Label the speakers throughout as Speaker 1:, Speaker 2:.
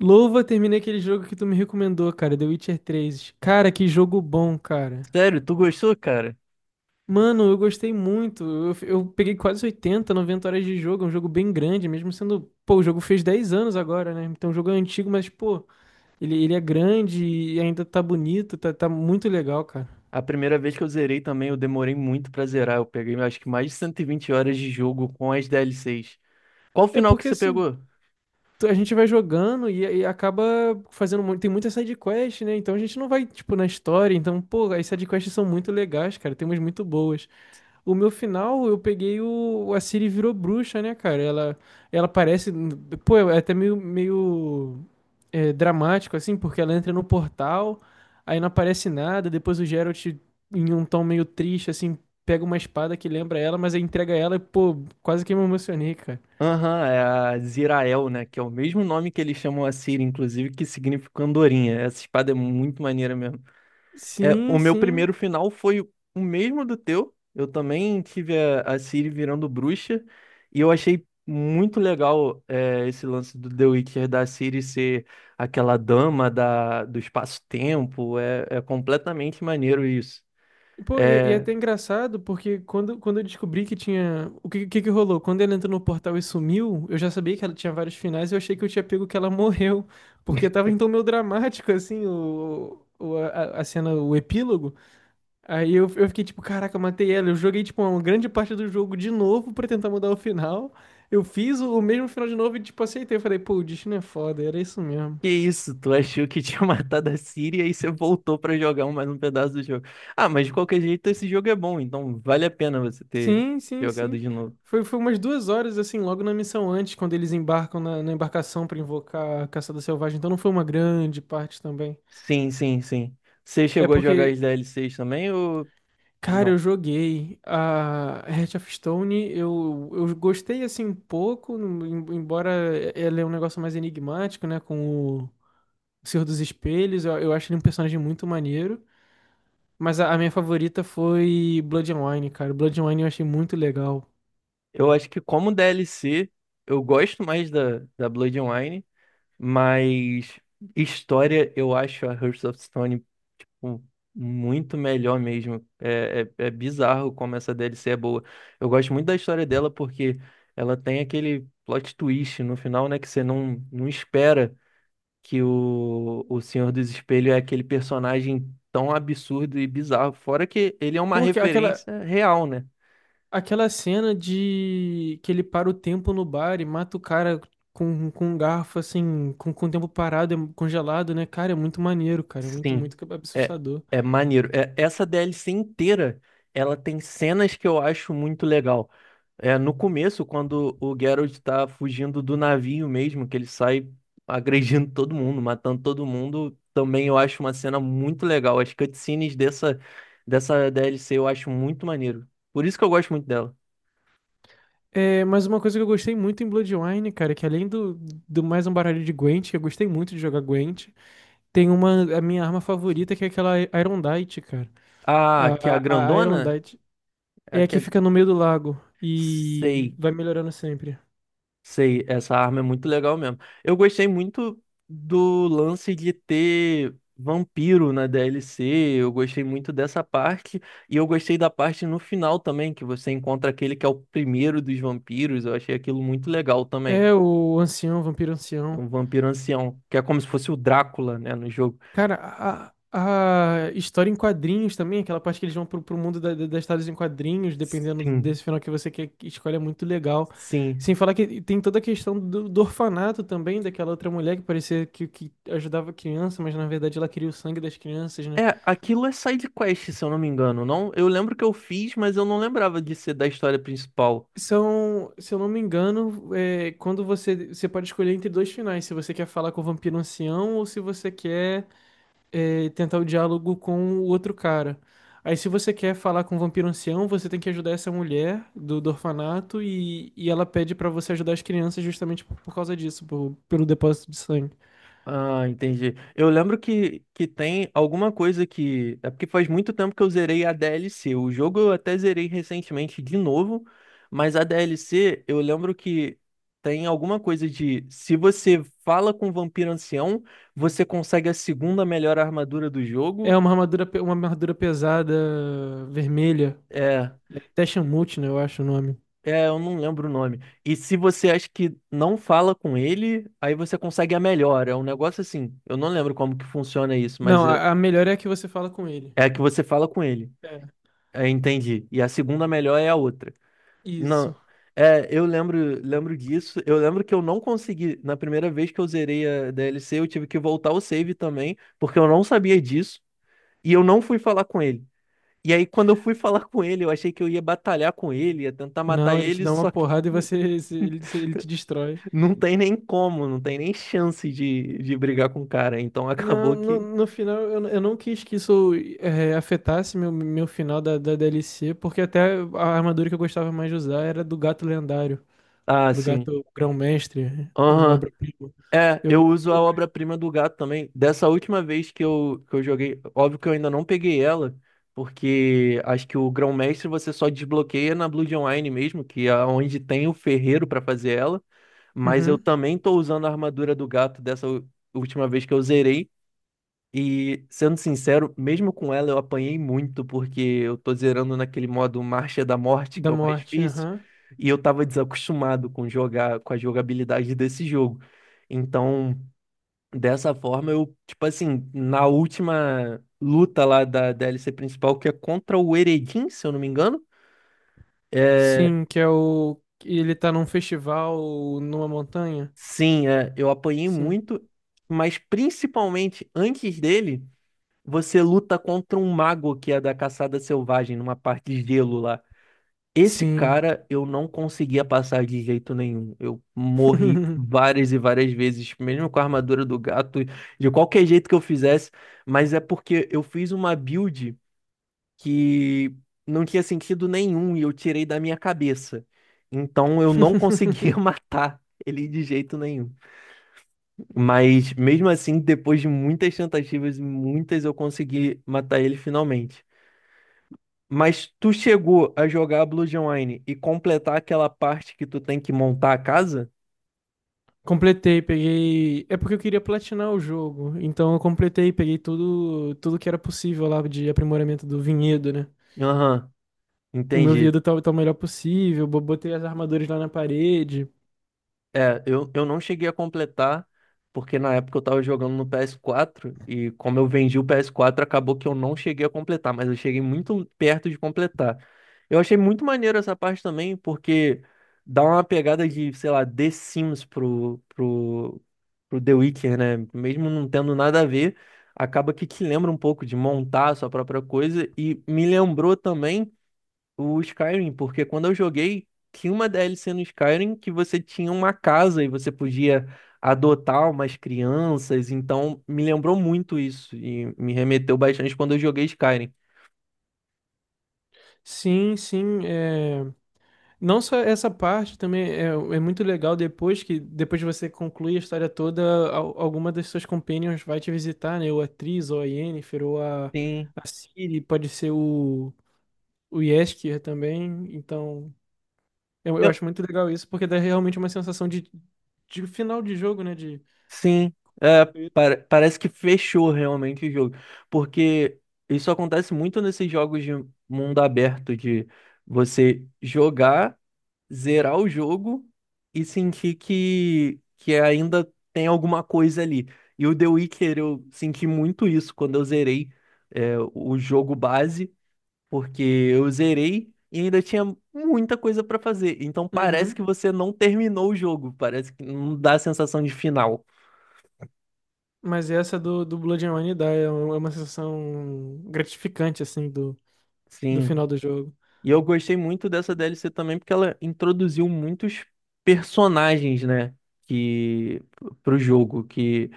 Speaker 1: Louva, terminei aquele jogo que tu me recomendou, cara, The Witcher três. Cara, que jogo bom, cara.
Speaker 2: Sério, tu gostou, cara?
Speaker 1: Mano, eu gostei muito. Eu peguei quase 80, 90 horas de jogo. É um jogo bem grande, mesmo sendo. Pô, o jogo fez 10 anos agora, né? Então o jogo é antigo, mas, pô, ele é grande e ainda tá bonito, tá, tá muito legal, cara.
Speaker 2: A primeira vez que eu zerei também, eu demorei muito pra zerar. Eu peguei, acho que mais de 120 horas de jogo com as DLCs. Qual o
Speaker 1: É
Speaker 2: final que
Speaker 1: porque
Speaker 2: você
Speaker 1: assim.
Speaker 2: pegou?
Speaker 1: A gente vai jogando e, acaba fazendo muito, tem muita side quest, né? Então a gente não vai, tipo, na história. Então, pô, as side quests são muito legais, cara. Tem umas muito boas. O meu final, eu peguei o. A Ciri virou bruxa, né, cara? Ela parece. Pô, é até meio, meio dramático, assim, porque ela entra no portal, aí não aparece nada. Depois o Geralt, em um tom meio triste, assim, pega uma espada que lembra ela, mas aí entrega ela e, pô, quase que me emocionei, cara.
Speaker 2: Aham, é a Zirael, né? Que é o mesmo nome que eles chamam a Ciri, inclusive, que significa andorinha. Essa espada é muito maneira mesmo. É, o
Speaker 1: Sim,
Speaker 2: meu
Speaker 1: sim.
Speaker 2: primeiro final foi o mesmo do teu. Eu também tive a Ciri virando bruxa. E eu achei muito legal esse lance do The Witcher da Ciri ser aquela dama da, do espaço-tempo. É completamente maneiro isso.
Speaker 1: Pô, e é
Speaker 2: É,
Speaker 1: até engraçado, porque quando, quando eu descobri que tinha. O que, que rolou? Quando ela entrou no portal e sumiu, eu já sabia que ela tinha vários finais e eu achei que eu tinha pego que ela morreu. Porque tava então meio dramático, assim, o, a cena, o epílogo. Aí eu fiquei tipo, caraca, eu matei ela. Eu joguei, tipo, uma grande parte do jogo de novo pra tentar mudar o final. Eu fiz o mesmo final de novo e, tipo, aceitei. Eu falei, pô, o destino é foda, era isso mesmo.
Speaker 2: que isso? Tu achou que tinha matado a Ciri e aí você voltou pra jogar mais um pedaço do jogo. Ah, mas de qualquer jeito esse jogo é bom, então vale a pena você ter
Speaker 1: Sim, sim,
Speaker 2: jogado
Speaker 1: sim.
Speaker 2: de novo.
Speaker 1: Foi, foi umas duas horas, assim, logo na missão antes, quando eles embarcam na, na embarcação pra invocar a Caçada Selvagem. Então não foi uma grande parte também.
Speaker 2: Sim, sim, sim. Você
Speaker 1: É
Speaker 2: chegou a jogar as
Speaker 1: porque,
Speaker 2: DLCs também ou
Speaker 1: cara,
Speaker 2: não?
Speaker 1: eu joguei a Heart of Stone, eu gostei, assim, um pouco, embora ela é um negócio mais enigmático, né, com o Senhor dos Espelhos. Eu acho ele um personagem muito maneiro. Mas a minha favorita foi Bloodwine, cara. Bloodwine eu achei muito legal.
Speaker 2: Eu acho que como DLC, eu gosto mais da Blood, mas história eu acho a Hearts of Stone, pô, muito melhor mesmo. É bizarro como essa DLC é boa. Eu gosto muito da história dela porque ela tem aquele plot twist no final, né, que você não espera. Que o Senhor dos Espelhos é aquele personagem tão absurdo e bizarro. Fora que ele é uma
Speaker 1: porque aquela,
Speaker 2: referência real, né?
Speaker 1: Aquela cena de que ele para o tempo no bar e mata o cara com um garfo, assim, com o tempo parado, é congelado, né? Cara, é muito maneiro, cara. É muito,
Speaker 2: Sim,
Speaker 1: muito
Speaker 2: é,
Speaker 1: assustador.
Speaker 2: é maneiro. Essa DLC inteira, ela tem cenas que eu acho muito legal. É, no começo, quando o Geralt tá fugindo do navio mesmo, que ele sai agredindo todo mundo, matando todo mundo, também eu acho uma cena muito legal. As cutscenes dessa DLC eu acho muito maneiro. Por isso que eu gosto muito dela.
Speaker 1: É, mas uma coisa que eu gostei muito em Bloodwine, cara, é que além do, do mais um baralho de Gwent, que eu gostei muito de jogar Gwent, tem uma, a minha arma favorita, que é aquela Irondite, cara.
Speaker 2: Ah, que é a
Speaker 1: A, a
Speaker 2: grandona?
Speaker 1: Irondite
Speaker 2: É a
Speaker 1: é a
Speaker 2: que
Speaker 1: que
Speaker 2: é...
Speaker 1: fica no meio do lago e
Speaker 2: Sei,
Speaker 1: vai melhorando sempre.
Speaker 2: sei, essa arma é muito legal mesmo. Eu gostei muito do lance de ter vampiro na DLC, eu gostei muito dessa parte, e eu gostei da parte no final também, que você encontra aquele que é o primeiro dos vampiros, eu achei aquilo muito legal também.
Speaker 1: É o ancião, vampiro
Speaker 2: É
Speaker 1: ancião.
Speaker 2: um vampiro ancião, que é como se fosse o Drácula, né, no jogo.
Speaker 1: Cara, a história em quadrinhos também, aquela parte que eles vão pro, pro mundo das histórias em quadrinhos, dependendo
Speaker 2: Sim,
Speaker 1: desse final que você quer que escolha, é muito legal. Sem
Speaker 2: sim.
Speaker 1: falar que tem toda a questão do, do orfanato também, daquela outra mulher que parecia que ajudava a criança, mas na verdade ela queria o sangue das crianças, né?
Speaker 2: É, aquilo é side quest, se eu não me engano, não? Eu lembro que eu fiz, mas eu não lembrava de ser da história principal.
Speaker 1: São, se eu não me engano, é, quando você pode escolher entre dois finais, se você quer falar com o vampiro ancião ou se você quer. É, tentar o diálogo com o outro cara. Aí, se você quer falar com o vampiro ancião, você tem que ajudar essa mulher do, do orfanato e ela pede pra você ajudar as crianças justamente por causa disso, pelo depósito de sangue.
Speaker 2: Ah, entendi. Eu lembro que tem alguma coisa que. É porque faz muito tempo que eu zerei a DLC. O jogo eu até zerei recentemente de novo, mas a DLC eu lembro que tem alguma coisa de. Se você fala com o vampiro ancião, você consegue a segunda melhor armadura do
Speaker 1: É
Speaker 2: jogo.
Speaker 1: uma armadura, uma armadura pesada, vermelha.
Speaker 2: É,
Speaker 1: É Teshamut, né? Eu acho o nome.
Speaker 2: É, eu não lembro o nome. E se você acha que não fala com ele, aí você consegue a melhor. É um negócio assim. Eu não lembro como que funciona isso, mas
Speaker 1: Não,
Speaker 2: é
Speaker 1: a melhor é a que você fala com ele.
Speaker 2: é a que você fala com ele.
Speaker 1: É,
Speaker 2: É, entendi. E a segunda melhor é a outra.
Speaker 1: isso.
Speaker 2: Não. É, eu lembro disso. Eu lembro que eu não consegui. Na primeira vez que eu zerei a DLC, eu tive que voltar o save também, porque eu não sabia disso. E eu não fui falar com ele. E aí, quando eu fui falar com ele, eu achei que eu ia batalhar com ele, ia tentar matar
Speaker 1: Não, ele te
Speaker 2: ele,
Speaker 1: dá uma
Speaker 2: só...
Speaker 1: porrada e você, ele te destrói.
Speaker 2: Não tem nem como, não tem nem chance de brigar com o cara. Então
Speaker 1: No,
Speaker 2: acabou
Speaker 1: no,
Speaker 2: que...
Speaker 1: no final, eu não quis que isso afetasse meu, meu final da, da DLC, porque até a armadura que eu gostava mais de usar era do gato lendário,
Speaker 2: Ah,
Speaker 1: do
Speaker 2: sim.
Speaker 1: gato grão-mestre, a
Speaker 2: Aham.
Speaker 1: obra-prima.
Speaker 2: É,
Speaker 1: Eu,
Speaker 2: eu uso a
Speaker 1: eu-
Speaker 2: obra-prima do gato também. Dessa última vez que eu joguei, óbvio que eu ainda não peguei ela, porque acho que o Grão-Mestre você só desbloqueia na Blood Online mesmo, que é onde tem o ferreiro pra fazer ela. Mas eu
Speaker 1: Uhum,
Speaker 2: também tô usando a armadura do gato dessa última vez que eu zerei. E, sendo sincero, mesmo com ela eu apanhei muito, porque eu tô zerando naquele modo Marcha da Morte, que
Speaker 1: da
Speaker 2: é o mais
Speaker 1: morte,
Speaker 2: difícil,
Speaker 1: aham.
Speaker 2: e eu tava desacostumado com jogar, com a jogabilidade desse jogo. Então, dessa forma, eu, tipo assim, na última luta lá da DLC principal, que é contra o Eredin, se eu não me engano, é,
Speaker 1: Sim, que é o. Que ele tá num festival numa montanha?
Speaker 2: sim, é, eu apanhei
Speaker 1: Sim.
Speaker 2: muito, mas principalmente antes dele. Você luta contra um mago que é da caçada selvagem, numa parte de gelo lá. Esse
Speaker 1: Sim.
Speaker 2: cara eu não conseguia passar de jeito nenhum. Eu morri várias e várias vezes, mesmo com a armadura do gato, de qualquer jeito que eu fizesse. Mas é porque eu fiz uma build que não tinha sentido nenhum e eu tirei da minha cabeça. Então eu não conseguia matar ele de jeito nenhum. Mas mesmo assim, depois de muitas tentativas e muitas, eu consegui matar ele finalmente. Mas tu chegou a jogar Blue Online e completar aquela parte que tu tem que montar a casa?
Speaker 1: Completei, peguei. É porque eu queria platinar o jogo. Então eu completei, peguei tudo, tudo que era possível lá de aprimoramento do vinhedo, né?
Speaker 2: Aham,
Speaker 1: O meu
Speaker 2: entendi.
Speaker 1: vinhedo tá, tá o melhor possível, botei as armaduras lá na parede.
Speaker 2: É, eu não cheguei a completar, porque na época eu tava jogando no PS4, e como eu vendi o PS4, acabou que eu não cheguei a completar, mas eu cheguei muito perto de completar. Eu achei muito maneiro essa parte também, porque dá uma pegada de, sei lá, The Sims pro The Witcher, né? Mesmo não tendo nada a ver, acaba que te lembra um pouco de montar a sua própria coisa, e me lembrou também o Skyrim, porque quando eu joguei, tinha uma DLC no Skyrim que você tinha uma casa e você podia adotar umas crianças, então me lembrou muito isso e me remeteu bastante quando eu joguei Skyrim.
Speaker 1: Sim, sim. É, não só essa parte também é, é muito legal depois que depois de você concluir a história toda, alguma das suas companions vai te visitar, né? Ou a Triss, ou a Yennefer, ou
Speaker 2: Sim,
Speaker 1: a Ciri, pode ser o Jeskier também. Então eu
Speaker 2: eu,
Speaker 1: acho muito legal isso, porque dá realmente uma sensação de final de jogo, né? De...
Speaker 2: sim, parece que fechou realmente o jogo, porque isso acontece muito nesses jogos de mundo aberto, de você jogar zerar o jogo e sentir que ainda tem alguma coisa ali. E o The Witcher, eu senti muito isso quando eu zerei o jogo base, porque eu zerei e ainda tinha muita coisa pra fazer. Então parece que
Speaker 1: Uhum.
Speaker 2: você não terminou o jogo, parece que não dá a sensação de final.
Speaker 1: Mas essa do, do Blood and Wine dá, é uma sensação gratificante, assim, do, do
Speaker 2: Sim.
Speaker 1: final do jogo.
Speaker 2: E eu gostei muito dessa DLC também porque ela introduziu muitos personagens, né, que pro jogo que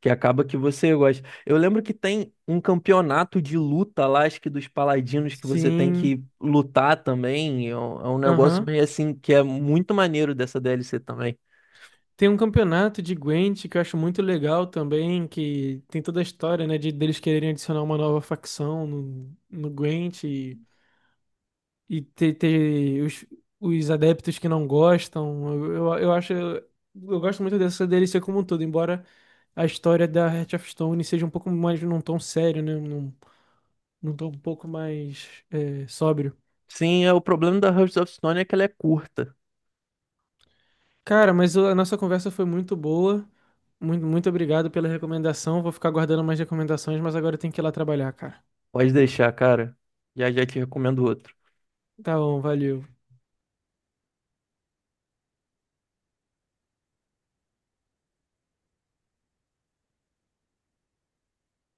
Speaker 2: que acaba que você gosta. Eu lembro que tem um campeonato de luta lá, acho que dos paladinos que você tem
Speaker 1: Sim,
Speaker 2: que lutar também. É um negócio
Speaker 1: aham.
Speaker 2: meio assim que é muito maneiro dessa DLC também.
Speaker 1: Tem um campeonato de Gwent que eu acho muito legal também, que tem toda a história, né, de deles quererem adicionar uma nova facção no, no Gwent e, ter, ter os adeptos que não gostam. Eu acho... Eu gosto muito dessa DLC como um todo, embora... a história da Heart of Stone seja um pouco mais num tom sério, né? Num, num tom um pouco mais sóbrio.
Speaker 2: Sim, é o problema da Hearts of Stone é que ela é curta.
Speaker 1: Cara, mas a nossa conversa foi muito boa. Muito, muito obrigado pela recomendação. Vou ficar guardando mais recomendações, mas agora eu tenho que ir lá trabalhar, cara.
Speaker 2: Pode deixar, cara. Já já te recomendo outro.
Speaker 1: Tá bom, valeu.